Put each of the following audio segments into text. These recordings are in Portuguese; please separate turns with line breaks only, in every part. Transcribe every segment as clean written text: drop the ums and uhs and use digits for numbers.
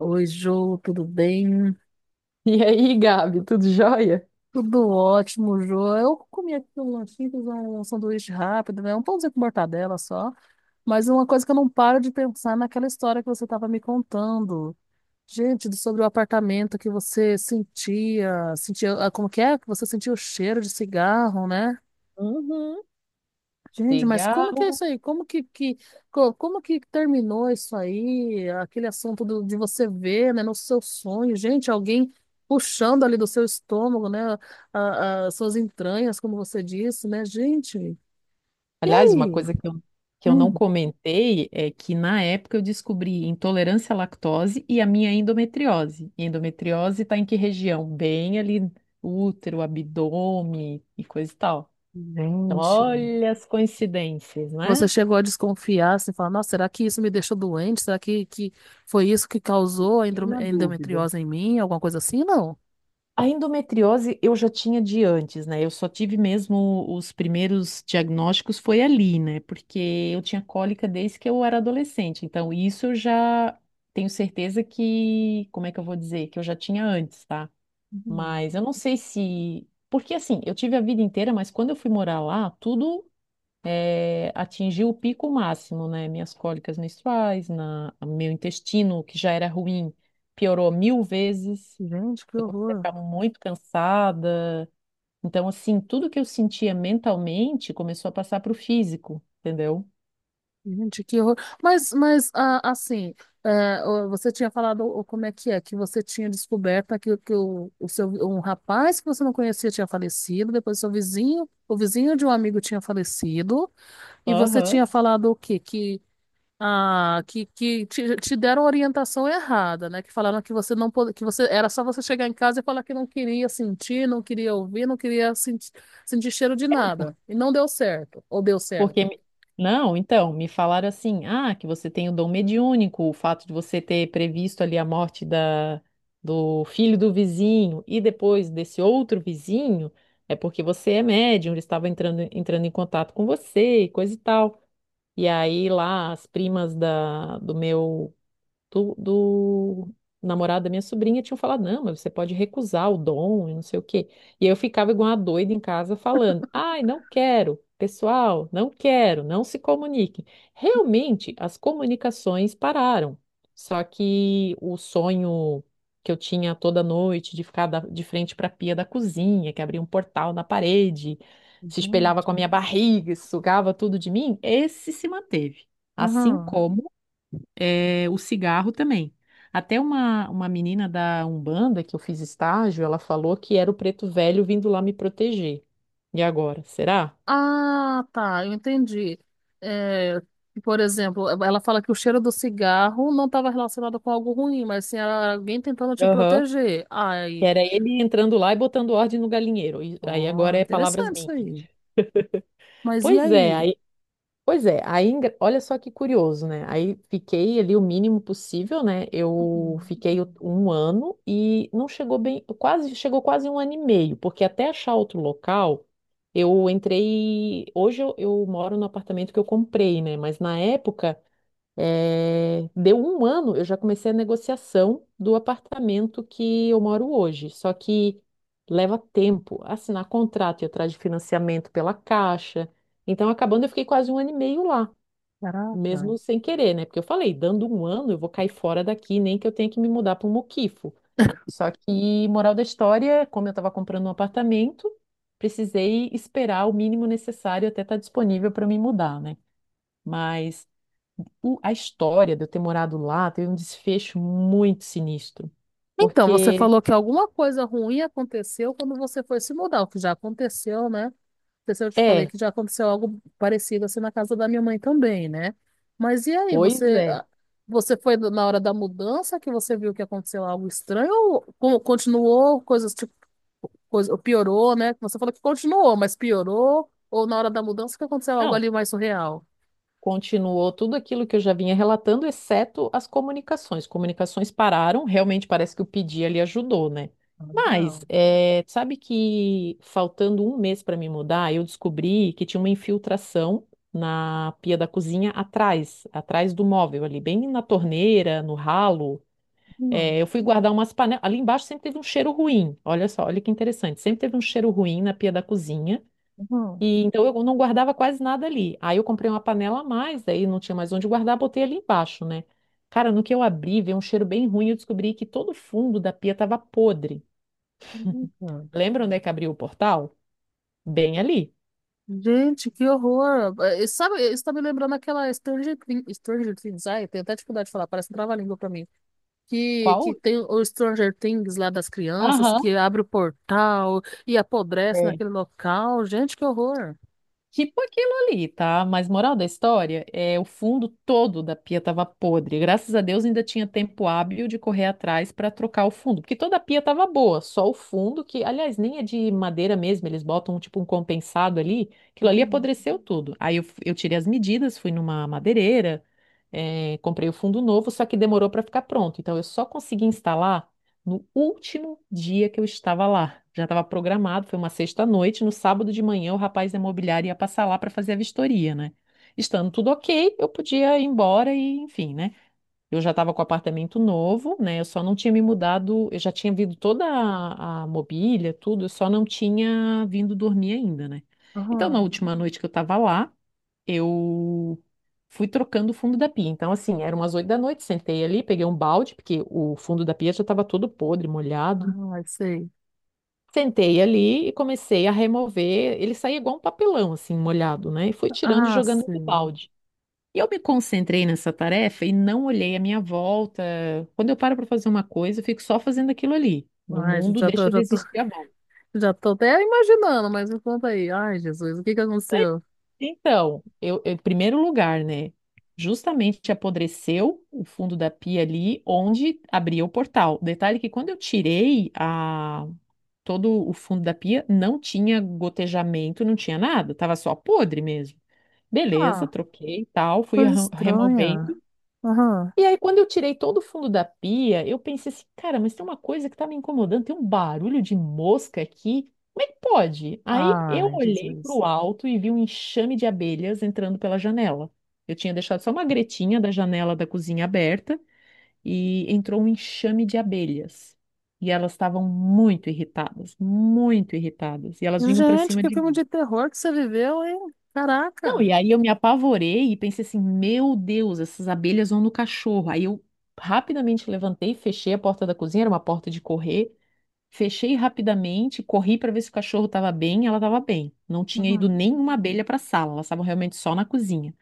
Oi, Jô, tudo bem?
E aí, Gabi, tudo jóia?
Tudo ótimo, Jô. Eu comi aqui um lanchinho, fiz um sanduíche rápido, né? Um pãozinho com mortadela só. Mas uma coisa que eu não paro de pensar é naquela história que você estava me contando. Gente, sobre o apartamento que você sentia, como que é? Que você sentia o cheiro de cigarro, né?
Uhum,
Gente, mas como que é
cigarro.
isso aí? Como que terminou isso aí? Aquele assunto de você ver, né, no seu sonho, gente, alguém puxando ali do seu estômago, né, suas entranhas, como você disse, né, gente. E
Aliás, uma
aí?
coisa que eu não
Hum,
comentei é que na época eu descobri intolerância à lactose e a minha endometriose. E endometriose está em que região? Bem ali, útero, abdômen e coisa e tal. Então,
gente.
olha as coincidências,
Você
né?
chegou a desconfiar, assim, falar, nossa, será que isso me deixou doente? Será que foi isso que causou a
Fiquei na dúvida.
endometriose em mim? Alguma coisa assim? Não.
A endometriose eu já tinha de antes, né? Eu só tive mesmo os primeiros diagnósticos foi ali, né? Porque eu tinha cólica desde que eu era adolescente. Então, isso eu já tenho certeza que, como é que eu vou dizer? Que eu já tinha antes, tá?
Hum,
Mas eu não sei se. Porque assim, eu tive a vida inteira, mas quando eu fui morar lá, tudo atingiu o pico máximo, né? Minhas cólicas menstruais, meu intestino, que já era ruim, piorou mil vezes.
gente, que
Eu comecei a
horror.
ficar muito cansada. Então, assim, tudo que eu sentia mentalmente começou a passar para o físico, entendeu?
Gente, que horror. Mas, você tinha falado como é, que você tinha descoberto que o seu, um rapaz que você não conhecia tinha falecido, depois seu vizinho, o vizinho de um amigo tinha falecido, e você
Aham.
tinha falado o quê? Que te, te deram orientação errada, né? Que falaram que você não pod... que você era só você chegar em casa e falar que não queria sentir, não queria ouvir, não queria sentir, sentir cheiro de
É, por-
nada. E não deu certo, ou deu
porque.
certo.
me- Não, então, me falaram assim: ah, que você tem o dom mediúnico, o fato de você ter previsto ali a morte da, do filho do vizinho e depois desse outro vizinho, é porque você é médium, ele estava entrando em contato com você, e coisa e tal. E aí lá as primas da, do meu do namorado da minha sobrinha tinham falado, não, mas você pode recusar o dom e não sei o quê. E eu ficava igual uma doida em casa falando, ai, não quero, pessoal, não quero, não se comuniquem. Realmente, as comunicações pararam. Só que o sonho que eu tinha toda noite de ficar de frente para a pia da cozinha, que abria um portal na parede, se espelhava com a
Gente.
minha barriga, sugava tudo de mim, esse se manteve. Assim
Aham.
como o cigarro também. Até uma menina da Umbanda que eu fiz estágio, ela falou que era o preto velho vindo lá me proteger. E agora, será?
Ah, tá, eu entendi. É, por exemplo, ela fala que o cheiro do cigarro não estava relacionado com algo ruim, mas sim era alguém tentando te
Aham.
proteger.
Que
Ai,
era ele entrando lá e botando ordem no galinheiro. E aí agora
ó,
é palavras
interessante isso
minhas.
aí. Mas e
Pois é,
aí?
aí Pois é, aí, olha só que curioso, né? Aí fiquei ali o mínimo possível, né? Eu
Uhum.
fiquei um ano e não chegou bem, quase, chegou quase um ano e meio, porque até achar outro local, eu entrei. Hoje eu moro no apartamento que eu comprei, né? Mas na época deu um ano, eu já comecei a negociação do apartamento que eu moro hoje. Só que leva tempo assinar contrato e atrás de financiamento pela Caixa. Então, acabando, eu fiquei quase um ano e meio lá,
Caraca.
mesmo sem querer, né? Porque eu falei, dando um ano, eu vou cair fora daqui, nem que eu tenha que me mudar para um muquifo. Só que, moral da história, como eu estava comprando um apartamento, precisei esperar o mínimo necessário até estar disponível para me mudar, né? Mas a história de eu ter morado lá teve um desfecho muito sinistro.
Então, você
Porque,
falou que alguma coisa ruim aconteceu quando você foi se mudar, o que já aconteceu, né? Sei se eu te falei
é,
que já aconteceu algo parecido assim na casa da minha mãe também, né? Mas e aí,
pois
você,
é.
ah, você foi na hora da mudança que você viu que aconteceu algo estranho ou continuou coisas tipo, coisa, ou piorou, né? Você falou que continuou, mas piorou ou na hora da mudança que aconteceu algo
Não,
ali mais surreal?
continuou tudo aquilo que eu já vinha relatando, exceto as comunicações. Comunicações pararam, realmente parece que o pedir ali ajudou, né?
Ah,
Mas,
legal.
sabe que faltando um mês para me mudar, eu descobri que tinha uma infiltração na pia da cozinha atrás, atrás do móvel ali, bem na torneira, no ralo.
Uhum,
Eu fui guardar umas panelas. Ali embaixo sempre teve um cheiro ruim. Olha só, olha que interessante. Sempre teve um cheiro ruim na pia da cozinha.
uhum,
E então eu não guardava quase nada ali. Aí eu comprei uma panela a mais, daí não tinha mais onde guardar, botei ali embaixo, né? Cara, no que eu abri, veio um cheiro bem ruim, eu descobri que todo o fundo da pia estava podre.
uhum.
Lembra onde é que abriu o portal? Bem ali.
Gente, que horror! Sabe, isso tá me lembrando aquela Stranger Things, ai, tenho até dificuldade de falar, parece um trava-língua pra mim. que,
Qual?
que tem o Stranger Things lá das crianças,
Aham.
que abre o portal e apodrece
É.
naquele local. Gente, que horror.
Tipo aquilo ali, tá? Mas moral da história é o fundo todo da pia tava podre. Graças a Deus ainda tinha tempo hábil de correr atrás para trocar o fundo, porque toda a pia tava boa, só o fundo que, aliás, nem é de madeira mesmo, eles botam tipo um compensado ali, aquilo ali
Uhum.
apodreceu tudo. Aí eu tirei as medidas, fui numa madeireira, comprei o fundo novo, só que demorou para ficar pronto. Então eu só consegui instalar no último dia que eu estava lá, já estava programado, foi uma sexta-noite. No sábado de manhã, o rapaz da imobiliária ia passar lá para fazer a vistoria, né? Estando tudo ok, eu podia ir embora e, enfim, né? Eu já estava com o apartamento novo, né? Eu só não tinha me mudado, eu já tinha vindo toda a mobília, tudo, eu só não tinha vindo dormir ainda, né? Então, na
Aham.
última noite que eu estava lá, eu fui trocando o fundo da pia. Então, assim, eram umas oito da noite, sentei ali, peguei um balde, porque o fundo da pia já estava todo podre, molhado.
Ai, sei.
Sentei ali e comecei a remover. Ele saía igual um papelão, assim, molhado, né? E fui tirando e
Ah,
jogando no
sei.
balde. E eu me concentrei nessa tarefa e não olhei a minha volta. Quando eu paro para fazer uma coisa, eu fico só fazendo aquilo ali. No
Ai, gente,
mundo deixa de existir a volta.
já tô até imaginando, mas me conta aí. Ai, Jesus, o que que aconteceu?
Então, em primeiro lugar, né? Justamente apodreceu o fundo da pia ali onde abria o portal. Detalhe que quando eu tirei todo o fundo da pia, não tinha gotejamento, não tinha nada, tava só podre mesmo. Beleza,
Ah,
troquei e tal, fui
coisa estranha.
removendo.
Aham.
E aí, quando eu tirei todo o fundo da pia, eu pensei assim, cara, mas tem uma coisa que tá me incomodando, tem um barulho de mosca aqui. Como é que pode? Aí eu
Ai,
olhei para
Jesus.
o alto e vi um enxame de abelhas entrando pela janela. Eu tinha deixado só uma gretinha da janela da cozinha aberta e entrou um enxame de abelhas. E elas estavam muito irritadas, muito irritadas. E elas vinham para
Gente,
cima
que
de,
filme de terror que você viveu, hein?
não,
Caraca!
e aí eu me apavorei e pensei assim, meu Deus, essas abelhas vão no cachorro. Aí eu rapidamente levantei, fechei a porta da cozinha, era uma porta de correr, fechei rapidamente, corri para ver se o cachorro estava bem, ela estava bem. Não tinha ido
Uhum.
nenhuma abelha para a sala, elas estavam realmente só na cozinha.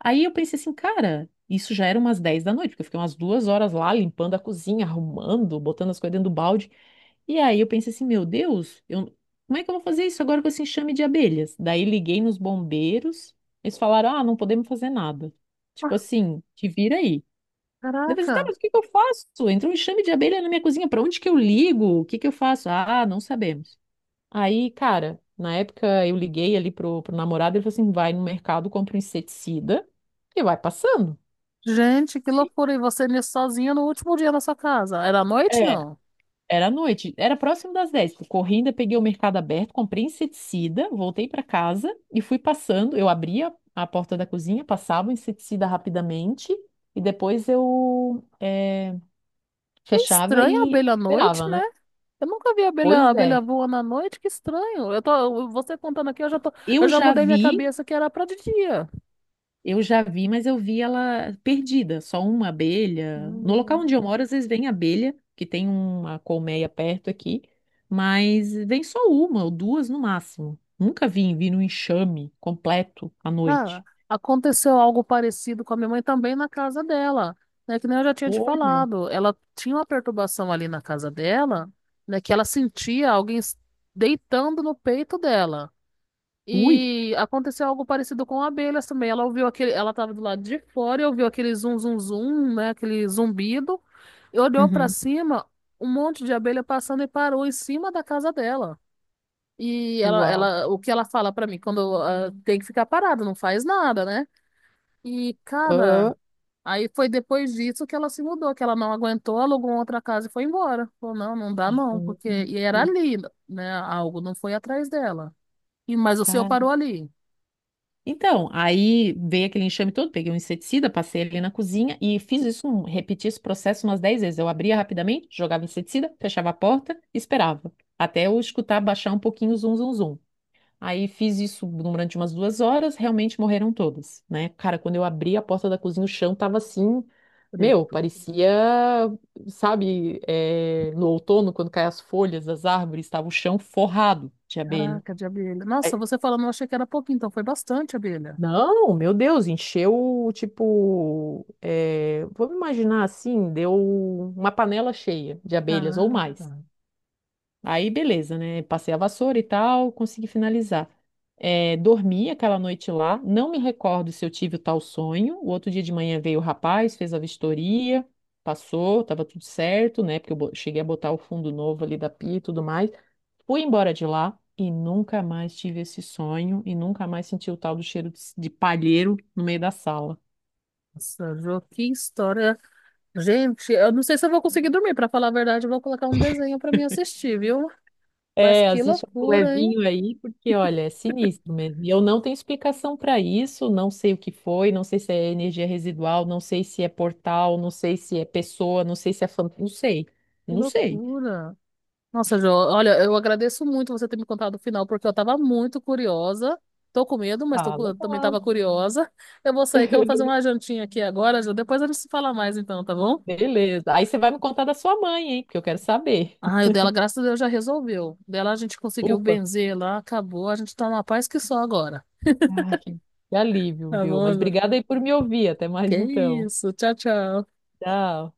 Aí eu pensei assim, cara, isso já era umas 10 da noite, porque eu fiquei umas 2 horas lá limpando a cozinha, arrumando, botando as coisas dentro do balde. E aí eu pensei assim, meu Deus, eu, como é que eu vou fazer isso agora com esse enxame de abelhas? Daí liguei nos bombeiros, eles falaram, ah, não podemos fazer nada.
Ah,
Tipo assim, te vira aí. Daí eu pensei, tá,
Caraca!
mas o que que eu faço? Entra um enxame de abelha na minha cozinha, pra onde que eu ligo? O que que eu faço? Ah, não sabemos. Aí, cara, na época eu liguei ali pro namorado, ele falou assim, vai no mercado, compra um inseticida e vai passando.
Gente, que loucura! E você nisso sozinha no último dia na sua casa? Era à noite,
é
não?
Era à noite, era próximo das dez. Tipo, corri, ainda peguei o mercado aberto, comprei inseticida, voltei para casa e fui passando. Eu abria a porta da cozinha, passava o inseticida rapidamente e depois eu
Que
fechava
estranho a
e
abelha à
esperava,
noite, né?
né?
Eu nunca vi
Pois é,
abelha voando à noite, que estranho. Você contando aqui, eu
eu
já
já
mudei minha
vi
cabeça que era pra de dia.
Eu já vi, mas eu vi ela perdida, só uma abelha. No local
Hum.
onde eu moro, às vezes vem abelha, que tem uma colmeia perto aqui, mas vem só uma ou duas no máximo. Nunca vi no enxame completo à
Ah,
noite.
aconteceu algo parecido com a minha mãe também na casa dela, né? Que nem eu já tinha te
Olha.
falado. Ela tinha uma perturbação ali na casa dela, né? Que ela sentia alguém deitando no peito dela.
Ui!
E aconteceu algo parecido com abelhas também. Ela ouviu aquele, ela estava do lado de fora e ouviu aquele zum zum zum, né? Aquele zumbido. E olhou para
Uhum.
cima, um monte de abelha passando e parou em cima da casa dela. E
Uau.
o que ela fala pra mim, quando ah, tem que ficar parado, não faz nada, né? E, cara,
Ah,
aí foi depois disso que ela se mudou, que ela não aguentou, alugou outra casa e foi embora. Falou, não, não dá não, porque... E era
gente.
ali, né? Algo não foi atrás dela. E, mas o seu parou ali,
Então, aí veio aquele enxame todo, peguei um inseticida, passei ele na cozinha e fiz isso, repeti esse processo umas 10 vezes. Eu abria rapidamente, jogava inseticida, fechava a porta, e esperava, até eu escutar baixar um pouquinho o zum, zum, zum. Aí fiz isso durante umas 2 horas, realmente morreram todas, né? Cara, quando eu abri a porta da cozinha, o chão tava assim, meu,
preto.
parecia, sabe, no outono, quando caem as folhas das árvores, tava o chão forrado de abelha.
Caraca, de abelha. Nossa, você falando, eu achei que era pouquinho, então foi bastante abelha.
Não, meu Deus, encheu, tipo, vamos imaginar assim, deu uma panela cheia de abelhas ou mais.
Caraca.
Aí, beleza, né? Passei a vassoura e tal, consegui finalizar. Dormi aquela noite lá, não me recordo se eu tive o tal sonho. O outro dia de manhã veio o rapaz, fez a vistoria, passou, tava tudo certo, né? Porque eu cheguei a botar o fundo novo ali da pia e tudo mais. Fui embora de lá e nunca mais tive esse sonho e nunca mais senti o tal do cheiro de palheiro no meio da sala.
Nossa, Jô, que história. Gente, eu não sei se eu vou conseguir dormir, pra falar a verdade, eu vou colocar um desenho pra mim assistir, viu? Mas
É,
que
assiste um
loucura, hein?
levinho aí, porque olha, é sinistro mesmo. E eu não tenho explicação para isso, não sei o que foi, não sei se é energia residual, não sei se é portal, não sei se é pessoa, não sei se é fan... não sei,
Que
não sei.
loucura. Nossa, Jo, olha, eu agradeço muito você ter me contado o final, porque eu tava muito curiosa. Tô com medo, mas tô,
Ah,
cu- eu também
legal.
tava curiosa. Eu vou sair que eu vou fazer uma jantinha aqui agora, Jo. Depois a gente se fala mais então, tá bom?
Beleza. Aí você vai me contar da sua mãe, hein? Porque eu quero saber.
Ah, o dela, graças a Deus, já resolveu. O dela a gente conseguiu
Ufa.
benzer lá, acabou. A gente tá numa paz que só agora.
Ai, que alívio,
Tá
viu?
bom,
Mas
Jo?
obrigada aí por me ouvir. Até
Que
mais então.
isso. Tchau, tchau.
Tchau.